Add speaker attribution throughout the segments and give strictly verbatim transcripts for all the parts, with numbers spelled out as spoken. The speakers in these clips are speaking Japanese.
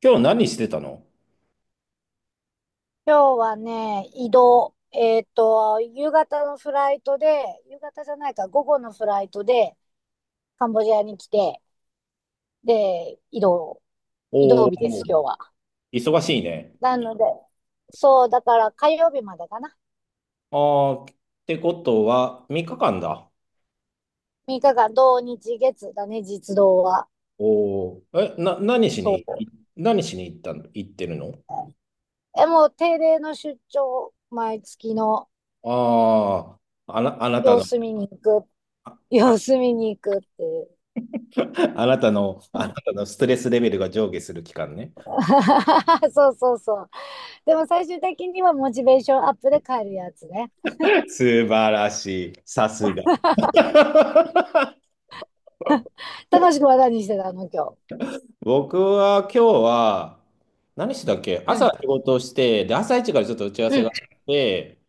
Speaker 1: 今日何してたの？
Speaker 2: 今日はね、移動。えっと、夕方のフライトで、夕方じゃないか、午後のフライトで、カンボジアに来て、で、移動、移
Speaker 1: お
Speaker 2: 動
Speaker 1: お
Speaker 2: 日です、
Speaker 1: ー、
Speaker 2: 今日は。
Speaker 1: 忙しいね。
Speaker 2: なので、そう、だから火曜日までかな。
Speaker 1: ああ、ってことは、みっかかんだ。
Speaker 2: みっかかん、土日月だね、実動は。
Speaker 1: おお、え、な、何し
Speaker 2: そ
Speaker 1: に、
Speaker 2: う。
Speaker 1: い何しに行ったの、行ってるの？
Speaker 2: え、もう定例の出張、毎月の
Speaker 1: ああー、あな、あなた
Speaker 2: 様
Speaker 1: の、
Speaker 2: 子見に行く、
Speaker 1: あ、あ
Speaker 2: 様子見に行くっていう。
Speaker 1: あなたの、あなたのストレスレベルが上下する期間ね。
Speaker 2: そうそうそう。でも最終的にはモチベーションアップで帰るやつね。
Speaker 1: 素晴らしい。さすが。
Speaker 2: 高しくは何してたの今日？
Speaker 1: 僕は今日は、何してたっけ。
Speaker 2: う
Speaker 1: 朝
Speaker 2: ん、
Speaker 1: 仕事をして、で、朝一からちょっと打ち合わ
Speaker 2: う
Speaker 1: せが
Speaker 2: ん、
Speaker 1: あって、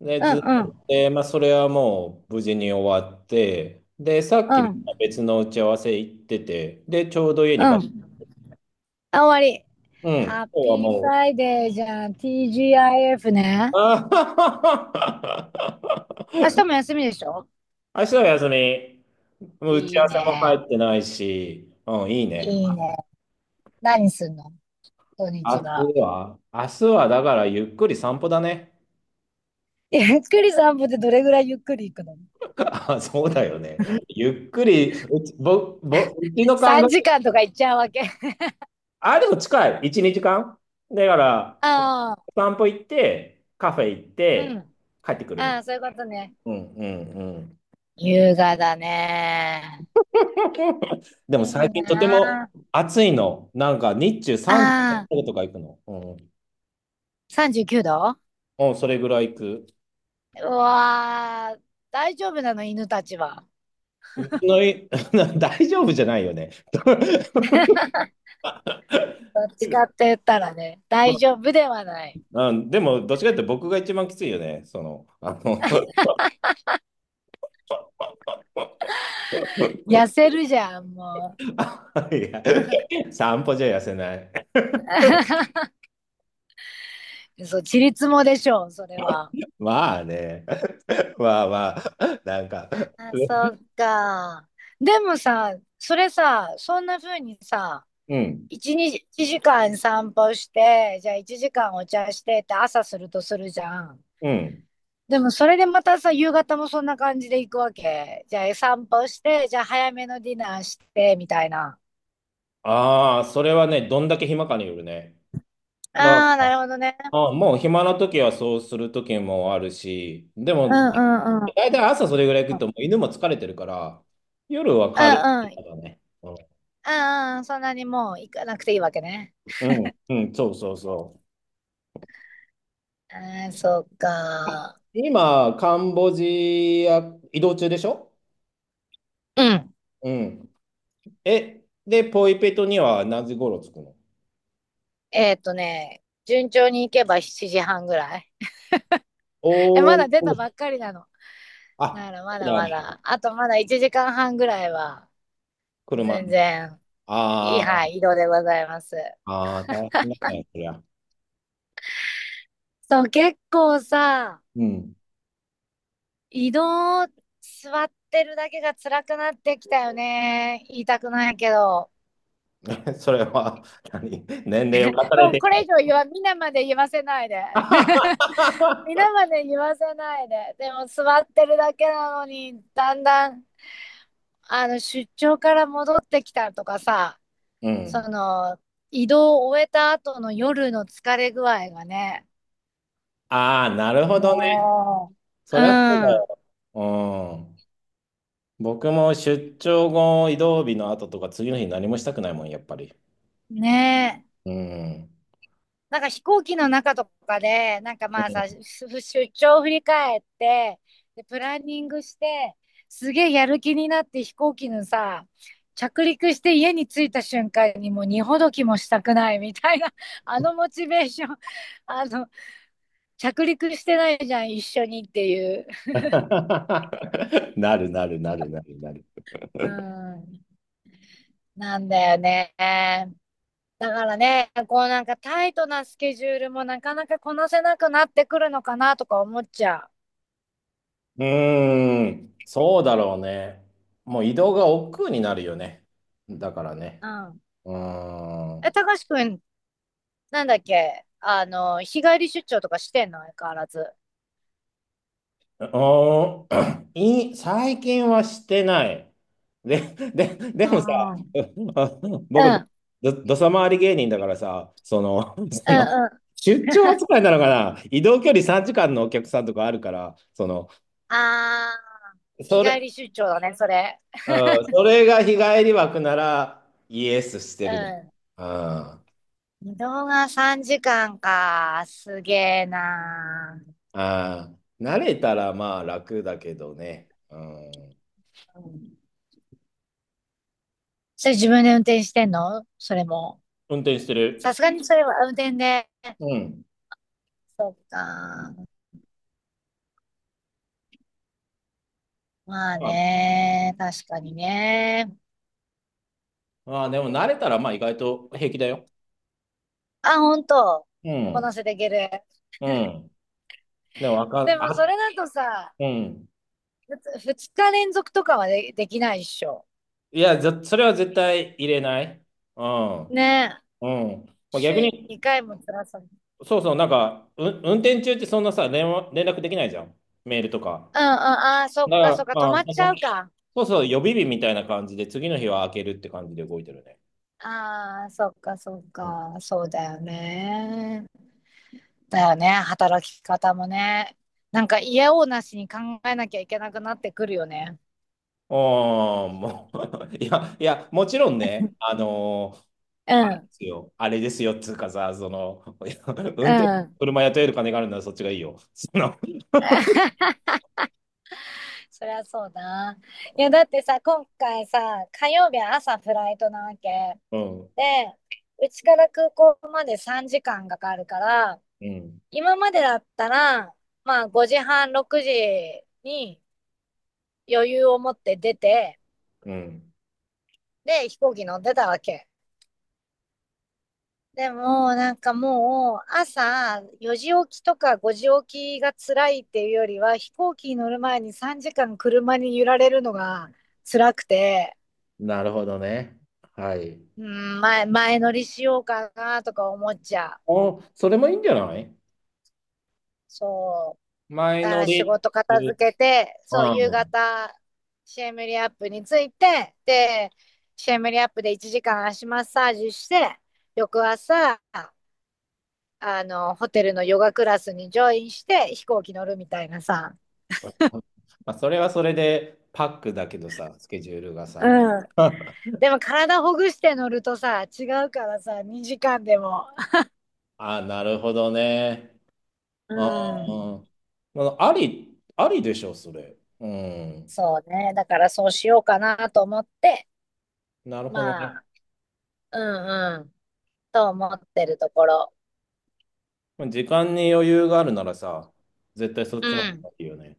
Speaker 1: で、
Speaker 2: うん、
Speaker 1: ずっ
Speaker 2: う
Speaker 1: と、
Speaker 2: ん、
Speaker 1: でまあ、それはもう無事に終わって、で、さっき
Speaker 2: う
Speaker 1: また
Speaker 2: ん、
Speaker 1: 別の打ち合わせ行ってて、で、ちょうど家
Speaker 2: う
Speaker 1: に帰って、
Speaker 2: ん。あ、終わり。
Speaker 1: うん、
Speaker 2: ハッ
Speaker 1: 今日は
Speaker 2: ピーフ
Speaker 1: もう、
Speaker 2: ライデーじゃん。ティージーアイエフ ね。
Speaker 1: あ
Speaker 2: 明日も休みでしょ？
Speaker 1: ー 明日は休み。もう打ち
Speaker 2: い
Speaker 1: 合
Speaker 2: い
Speaker 1: わせも
Speaker 2: ね。
Speaker 1: 入ってないし、うん、いいね。
Speaker 2: いいね。何すんの土日
Speaker 1: 明
Speaker 2: は？
Speaker 1: 日は、明日はだからゆっくり散歩だね。
Speaker 2: ゆっくり散歩ってどれぐらいゆっくり行くの？
Speaker 1: あ、そうだよね。ゆっくり、うち、ぼ、ぼ、うちの感覚、
Speaker 2: さんじかん 時間とか行っちゃうわけ？
Speaker 1: あ、でも近い。いち、にじかん。だから、お
Speaker 2: ああ、
Speaker 1: 散歩行って、カフェ行っ
Speaker 2: う
Speaker 1: て、
Speaker 2: ん。
Speaker 1: 帰ってくるみた
Speaker 2: あ
Speaker 1: い
Speaker 2: あ、そういうことね。
Speaker 1: な。うんうんうん。
Speaker 2: 優雅だね。
Speaker 1: でも
Speaker 2: いい
Speaker 1: 最近とて
Speaker 2: な
Speaker 1: も
Speaker 2: あ。
Speaker 1: 暑いの。なんか日中38
Speaker 2: あ
Speaker 1: 度
Speaker 2: あ、
Speaker 1: とか行くの。うん。
Speaker 2: さんじゅうきゅうど。
Speaker 1: うん、それぐらい行く。
Speaker 2: うわー、大丈夫なの、犬たちは？
Speaker 1: うちのい 大丈夫じゃないよね。
Speaker 2: どっちかって言ったらね、
Speaker 1: ま
Speaker 2: 大丈夫ではない。
Speaker 1: あ、うん、でも、どっちかっていうと僕が一番きついよね。その、あの
Speaker 2: 痩せるじゃん、も
Speaker 1: いや、散歩じゃ痩せない。
Speaker 2: う。そう、ちりつもでしょう、それは。
Speaker 1: まあね。まあまあ。なんか。
Speaker 2: ああ、そっか。でもさ、それさ、そんな風にさ、
Speaker 1: うん。
Speaker 2: いち、に、 いちじかん散歩して、じゃあいちじかんお茶してって朝するとするじゃん。
Speaker 1: うん。
Speaker 2: でもそれでまたさ、夕方もそんな感じで行くわけ？じゃあ散歩して、じゃあ早めのディナーして、みたいな。
Speaker 1: ああ、それはね、どんだけ暇かによるね。だ
Speaker 2: ああ、なるほどね。
Speaker 1: あもう暇な時はそうする時もあるし、で
Speaker 2: う
Speaker 1: も、
Speaker 2: んうんうん。うん
Speaker 1: 大体朝それぐらい行
Speaker 2: う
Speaker 1: くと、
Speaker 2: ん。
Speaker 1: もう犬も疲れてるから、夜は軽いか
Speaker 2: う
Speaker 1: らね。うん、
Speaker 2: んうん。そんなにもう行かなくていいわけね。
Speaker 1: うん、うんそうそうそう。
Speaker 2: ああ、そうか。
Speaker 1: 今、カンボジア移動中でしょ？
Speaker 2: うん。
Speaker 1: うん。え、で、ポイペトには何時頃着くの？
Speaker 2: えーっとね、順調に行けばしちじはんぐらい。え、ま
Speaker 1: お
Speaker 2: だ出た
Speaker 1: お、
Speaker 2: ばっかりなの？
Speaker 1: あ、
Speaker 2: なら
Speaker 1: そ
Speaker 2: ま
Speaker 1: う
Speaker 2: だ
Speaker 1: な
Speaker 2: ま
Speaker 1: んだ。
Speaker 2: だ。あとまだいちじかんはんぐらいは、
Speaker 1: 車
Speaker 2: 全
Speaker 1: の。
Speaker 2: 然、いい、
Speaker 1: あ
Speaker 2: は
Speaker 1: ー
Speaker 2: い、移動でございます。
Speaker 1: あー、大変だね、そりゃ。
Speaker 2: そう、結構さ、
Speaker 1: うん。
Speaker 2: 移動、座ってるだけが辛くなってきたよね。言いたくないけど。
Speaker 1: それは、何年齢を重ね
Speaker 2: もう
Speaker 1: てき
Speaker 2: これ以
Speaker 1: て。
Speaker 2: 上言わ、皆まで言わせないで 皆まで言わせないで。でも座ってるだけなのに、だんだん、あの、出張から戻ってきたとかさ、
Speaker 1: う
Speaker 2: そ
Speaker 1: ん。
Speaker 2: の、移動を終えた後の夜の疲れ具合がね、
Speaker 1: ああ、なるほどね。
Speaker 2: も
Speaker 1: そ
Speaker 2: う、う
Speaker 1: りゃそうだ
Speaker 2: ん、
Speaker 1: よ。うん。僕も出張後、移動日の後とか、次の日何もしたくないもん、やっぱり。
Speaker 2: ねえ。
Speaker 1: うん。
Speaker 2: なんか飛行機の中とかで、なんかまあさ、出張を振り返って、で、プランニングして、すげえやる気になって飛行機のさ、着陸して家に着いた瞬間にもう荷ほどきもしたくないみたいな、あのモチベーション、あの、着陸してないじゃん、一緒にっていう。
Speaker 1: なるなるなるなるなる。
Speaker 2: うん、なんだよね。だからね、こうなんかタイトなスケジュールもなかなかこなせなくなってくるのかなとか思っちゃう。
Speaker 1: うーん、そうだろうね。もう移動が億劫になるよね。だからね。
Speaker 2: うん。
Speaker 1: うーん。
Speaker 2: え、
Speaker 1: う
Speaker 2: たかしくん、なんだっけあの、日帰り出張とかしてんの相変わらず？
Speaker 1: ーん い最近はしてない。で、で、でもさ、
Speaker 2: ああ、う ん、
Speaker 1: 僕、ど、どどさ回り芸人だからさ、その、
Speaker 2: う
Speaker 1: その、
Speaker 2: ん、うん。
Speaker 1: 出張扱いなのかな移動距離さんじかんのお客さんとかあるから、その、
Speaker 2: あー、日
Speaker 1: そ
Speaker 2: 帰
Speaker 1: れ、
Speaker 2: り出張だね、それ。
Speaker 1: うん、それが日帰り枠なら、イエスしてるね。
Speaker 2: う
Speaker 1: うん
Speaker 2: ん。移動がさんじかんかんか。すげえな
Speaker 1: ああ、慣れたらまあ楽だけどね。うん。
Speaker 2: ー。うん。それ自分で運転してんのそれも？
Speaker 1: 運転して
Speaker 2: さ
Speaker 1: る。
Speaker 2: すがにそれは運転で。
Speaker 1: うん。
Speaker 2: そっか。まあ
Speaker 1: まあ、
Speaker 2: ね、確かにね。
Speaker 1: まあでも慣れたらまあ意外と平気だよ。
Speaker 2: あ、ほんと？
Speaker 1: う
Speaker 2: こな
Speaker 1: ん。
Speaker 2: せていける。
Speaker 1: うん。でもわか
Speaker 2: で
Speaker 1: ん、
Speaker 2: もそ
Speaker 1: あ、
Speaker 2: れだとさ、
Speaker 1: うん。
Speaker 2: ふつ二日連続とかはで、できないっしょ？
Speaker 1: いや、ぜそれは絶対入れない。うん。
Speaker 2: ねえ。
Speaker 1: うん。まあ、
Speaker 2: 週
Speaker 1: 逆
Speaker 2: に
Speaker 1: に、
Speaker 2: にかいも辛さ。うんう
Speaker 1: そうそう、なんか、う、運転中ってそんなさ、連絡、連絡できないじゃん。メールとか。
Speaker 2: ん。ああ、そ
Speaker 1: だ
Speaker 2: っ
Speaker 1: か
Speaker 2: かそ
Speaker 1: ら、
Speaker 2: っか。止
Speaker 1: まあ、
Speaker 2: ま
Speaker 1: そ
Speaker 2: っちゃう
Speaker 1: の、
Speaker 2: か。
Speaker 1: そうそう、予備日みたいな感じで、次の日は開けるって感じで動いてるね。
Speaker 2: ああ、そっかそっか。そうだよね。だよね。働き方もね。なんか嫌おうなしに考えなきゃいけなくなってくるよね。
Speaker 1: ああ、もう いや、いや、もちろんね、あのー
Speaker 2: う
Speaker 1: で
Speaker 2: ん。
Speaker 1: すよ、あれですよ、つうかさ、その、いや
Speaker 2: う
Speaker 1: 運転、
Speaker 2: ん。
Speaker 1: 車雇える金があるならそっちがいいよ。その、
Speaker 2: そりゃそうだ。いや、だってさ、今回さ、火曜日は朝フライトなわけ。
Speaker 1: うん、
Speaker 2: で、うちから空港までさんじかんかんかかるから、
Speaker 1: うん、
Speaker 2: 今までだったら、まあごじはん、ろくじに余裕を持って出て、
Speaker 1: うん。
Speaker 2: で、飛行機乗ってたわけ。でも、なんかもう、朝よじ起きとかごじ起きが辛いっていうよりは、飛行機に乗る前にさんじかん車に揺られるのが辛くて、
Speaker 1: なるほどね。はい。
Speaker 2: うん、前、前乗りしようかなとか思っちゃう。
Speaker 1: お、それもいいんじゃない？
Speaker 2: そう。
Speaker 1: 前
Speaker 2: だか
Speaker 1: 乗
Speaker 2: ら仕
Speaker 1: りっ
Speaker 2: 事
Speaker 1: て
Speaker 2: 片
Speaker 1: いう、
Speaker 2: 付けて、そう、夕
Speaker 1: うん。
Speaker 2: 方、シェムリアップについて、で、シェムリアップでいちじかん足マッサージして、翌朝、あの、ホテルのヨガクラスにジョインして飛行機乗るみたいなさ。
Speaker 1: まあ、それはそれでパックだけどさ、スケジュールがさ。
Speaker 2: うん。でも体ほぐして乗るとさ、違うからさ、にじかんでも。
Speaker 1: あ、なるほどね。
Speaker 2: う
Speaker 1: あ
Speaker 2: ん。
Speaker 1: ー、うん、あり、ありでしょ、それ。うん。
Speaker 2: そうね。だからそうしようかなと思って、
Speaker 1: なるほど
Speaker 2: ま
Speaker 1: ね。
Speaker 2: あ、うんうん、と思ってるところ。
Speaker 1: まあ時間に余裕があるならさ、絶対そっ
Speaker 2: う
Speaker 1: ちの方
Speaker 2: ん。
Speaker 1: がいいよね。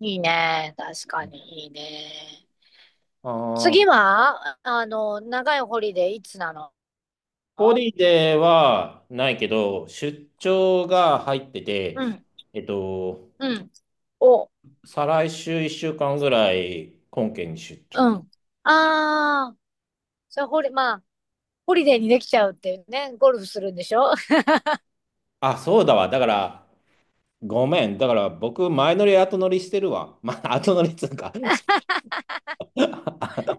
Speaker 2: いいね。確かにいいね。
Speaker 1: ああ、
Speaker 2: 次は、あの、長いホリデーいつなの？
Speaker 1: ホリデーはないけど、出張が入ってて、
Speaker 2: うん、
Speaker 1: えっと、
Speaker 2: うん。お、
Speaker 1: 再来週いっしゅうかんぐらい、本県に出
Speaker 2: う
Speaker 1: 張。
Speaker 2: ん。ああ、それホリ、まあ、ホリデーにできちゃうっていうね。ゴルフするんでしょ？ あ
Speaker 1: あ、そうだわ。だから、ごめん。だから、僕、前乗り後乗りしてるわ。まあ、後乗りっつうか。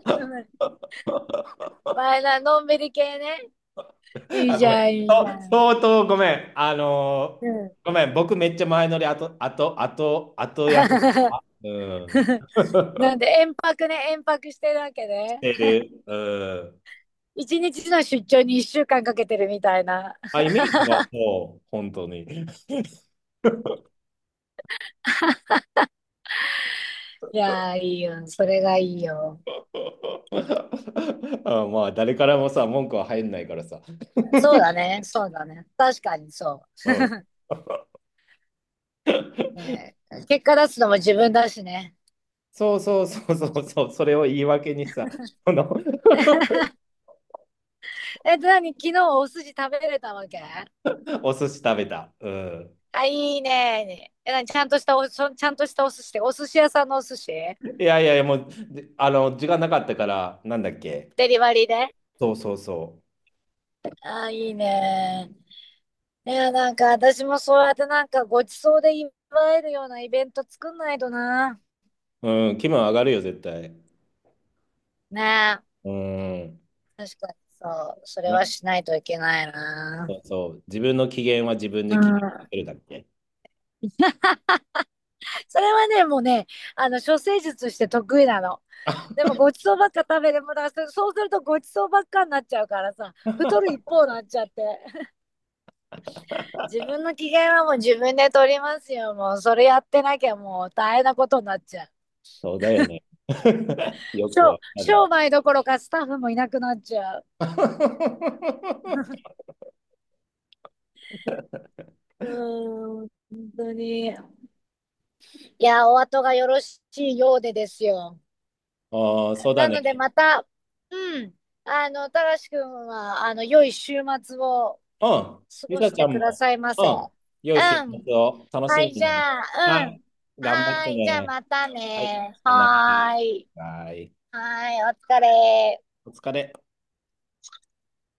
Speaker 2: の、前な、のんびり系ね。いい
Speaker 1: あ、
Speaker 2: じ
Speaker 1: ごめん。
Speaker 2: ゃん、いい
Speaker 1: そ
Speaker 2: じゃ
Speaker 1: う
Speaker 2: ん。
Speaker 1: 相当ごめん。あのー
Speaker 2: うん。
Speaker 1: ごめん。僕、めっちゃ前乗り後、後、後、後やす。うん。
Speaker 2: なんで、遠泊ね、遠泊してるわけね。
Speaker 1: てる。うん。
Speaker 2: 一日の出張に一週間かけてるみたいな。
Speaker 1: あ、イメージはそう、本当に。
Speaker 2: いやー、いいよ。それがいいよ。
Speaker 1: あ、まあ、誰からもさ、文句は入んないからさ。
Speaker 2: そうだね、そうだね。確かにそ
Speaker 1: うん。
Speaker 2: う。ね、結果出すのも自分だしね。
Speaker 1: そうそうそうそうそう、それを言い訳にさ、この
Speaker 2: え、何、昨日お寿司食べれたわけ？
Speaker 1: お寿司食べた。うん。
Speaker 2: あ、いいね。え、何、ちゃんとしたお、そちゃんとしたお寿司ってお寿司屋さんのお寿司
Speaker 1: いやいやいや、もう、であの、時間なかったから、なんだっけ。
Speaker 2: デリバリーで？
Speaker 1: そうそうそ
Speaker 2: あ、いいね。いや、なんか私もそうやってなんかごちそうで祝えるようなイベント作んないとな。
Speaker 1: う。うん、気分上がるよ、絶対。
Speaker 2: ね
Speaker 1: うん。
Speaker 2: え、確かにそう。それは
Speaker 1: な、
Speaker 2: しないといけないな。
Speaker 1: そうそう。自分の機嫌は自分
Speaker 2: う
Speaker 1: で決
Speaker 2: ん。
Speaker 1: めるだっけ。
Speaker 2: それはね、もうね、あの、処世術して得意なの。でもごちそうばっか食べてもだからそそうするとごちそうばっかになっちゃうからさ、太る一方になっちゃって 自分の機嫌はもう自分で取りますよ。もうそれやってなきゃもう大変なことになっちゃう。
Speaker 1: そうだよね。よく
Speaker 2: 商
Speaker 1: わか
Speaker 2: 商
Speaker 1: る。
Speaker 2: 売どころかスタッフもいなくなっちゃう うーん、本当に。いやお後がよろしいようでですよ。
Speaker 1: おー、そうだ
Speaker 2: な
Speaker 1: ね。
Speaker 2: のでまた、うん、あのたらしくんはあの良い週末を
Speaker 1: うん。
Speaker 2: 過
Speaker 1: り
Speaker 2: ご
Speaker 1: さ
Speaker 2: し
Speaker 1: ち
Speaker 2: て
Speaker 1: ゃん
Speaker 2: くだ
Speaker 1: も、
Speaker 2: さいま
Speaker 1: う
Speaker 2: せ。
Speaker 1: ん。良い週
Speaker 2: うん。
Speaker 1: 末を楽
Speaker 2: は
Speaker 1: しん
Speaker 2: い、
Speaker 1: で
Speaker 2: じ
Speaker 1: ね。
Speaker 2: ゃ
Speaker 1: は
Speaker 2: あ、うん。
Speaker 1: い。頑張っ
Speaker 2: は
Speaker 1: て
Speaker 2: ーい、じゃあ
Speaker 1: ね。
Speaker 2: また
Speaker 1: はい。
Speaker 2: ね。
Speaker 1: さよな
Speaker 2: はーい。
Speaker 1: ら。はい。
Speaker 2: はーい、お疲れ。
Speaker 1: お疲れ。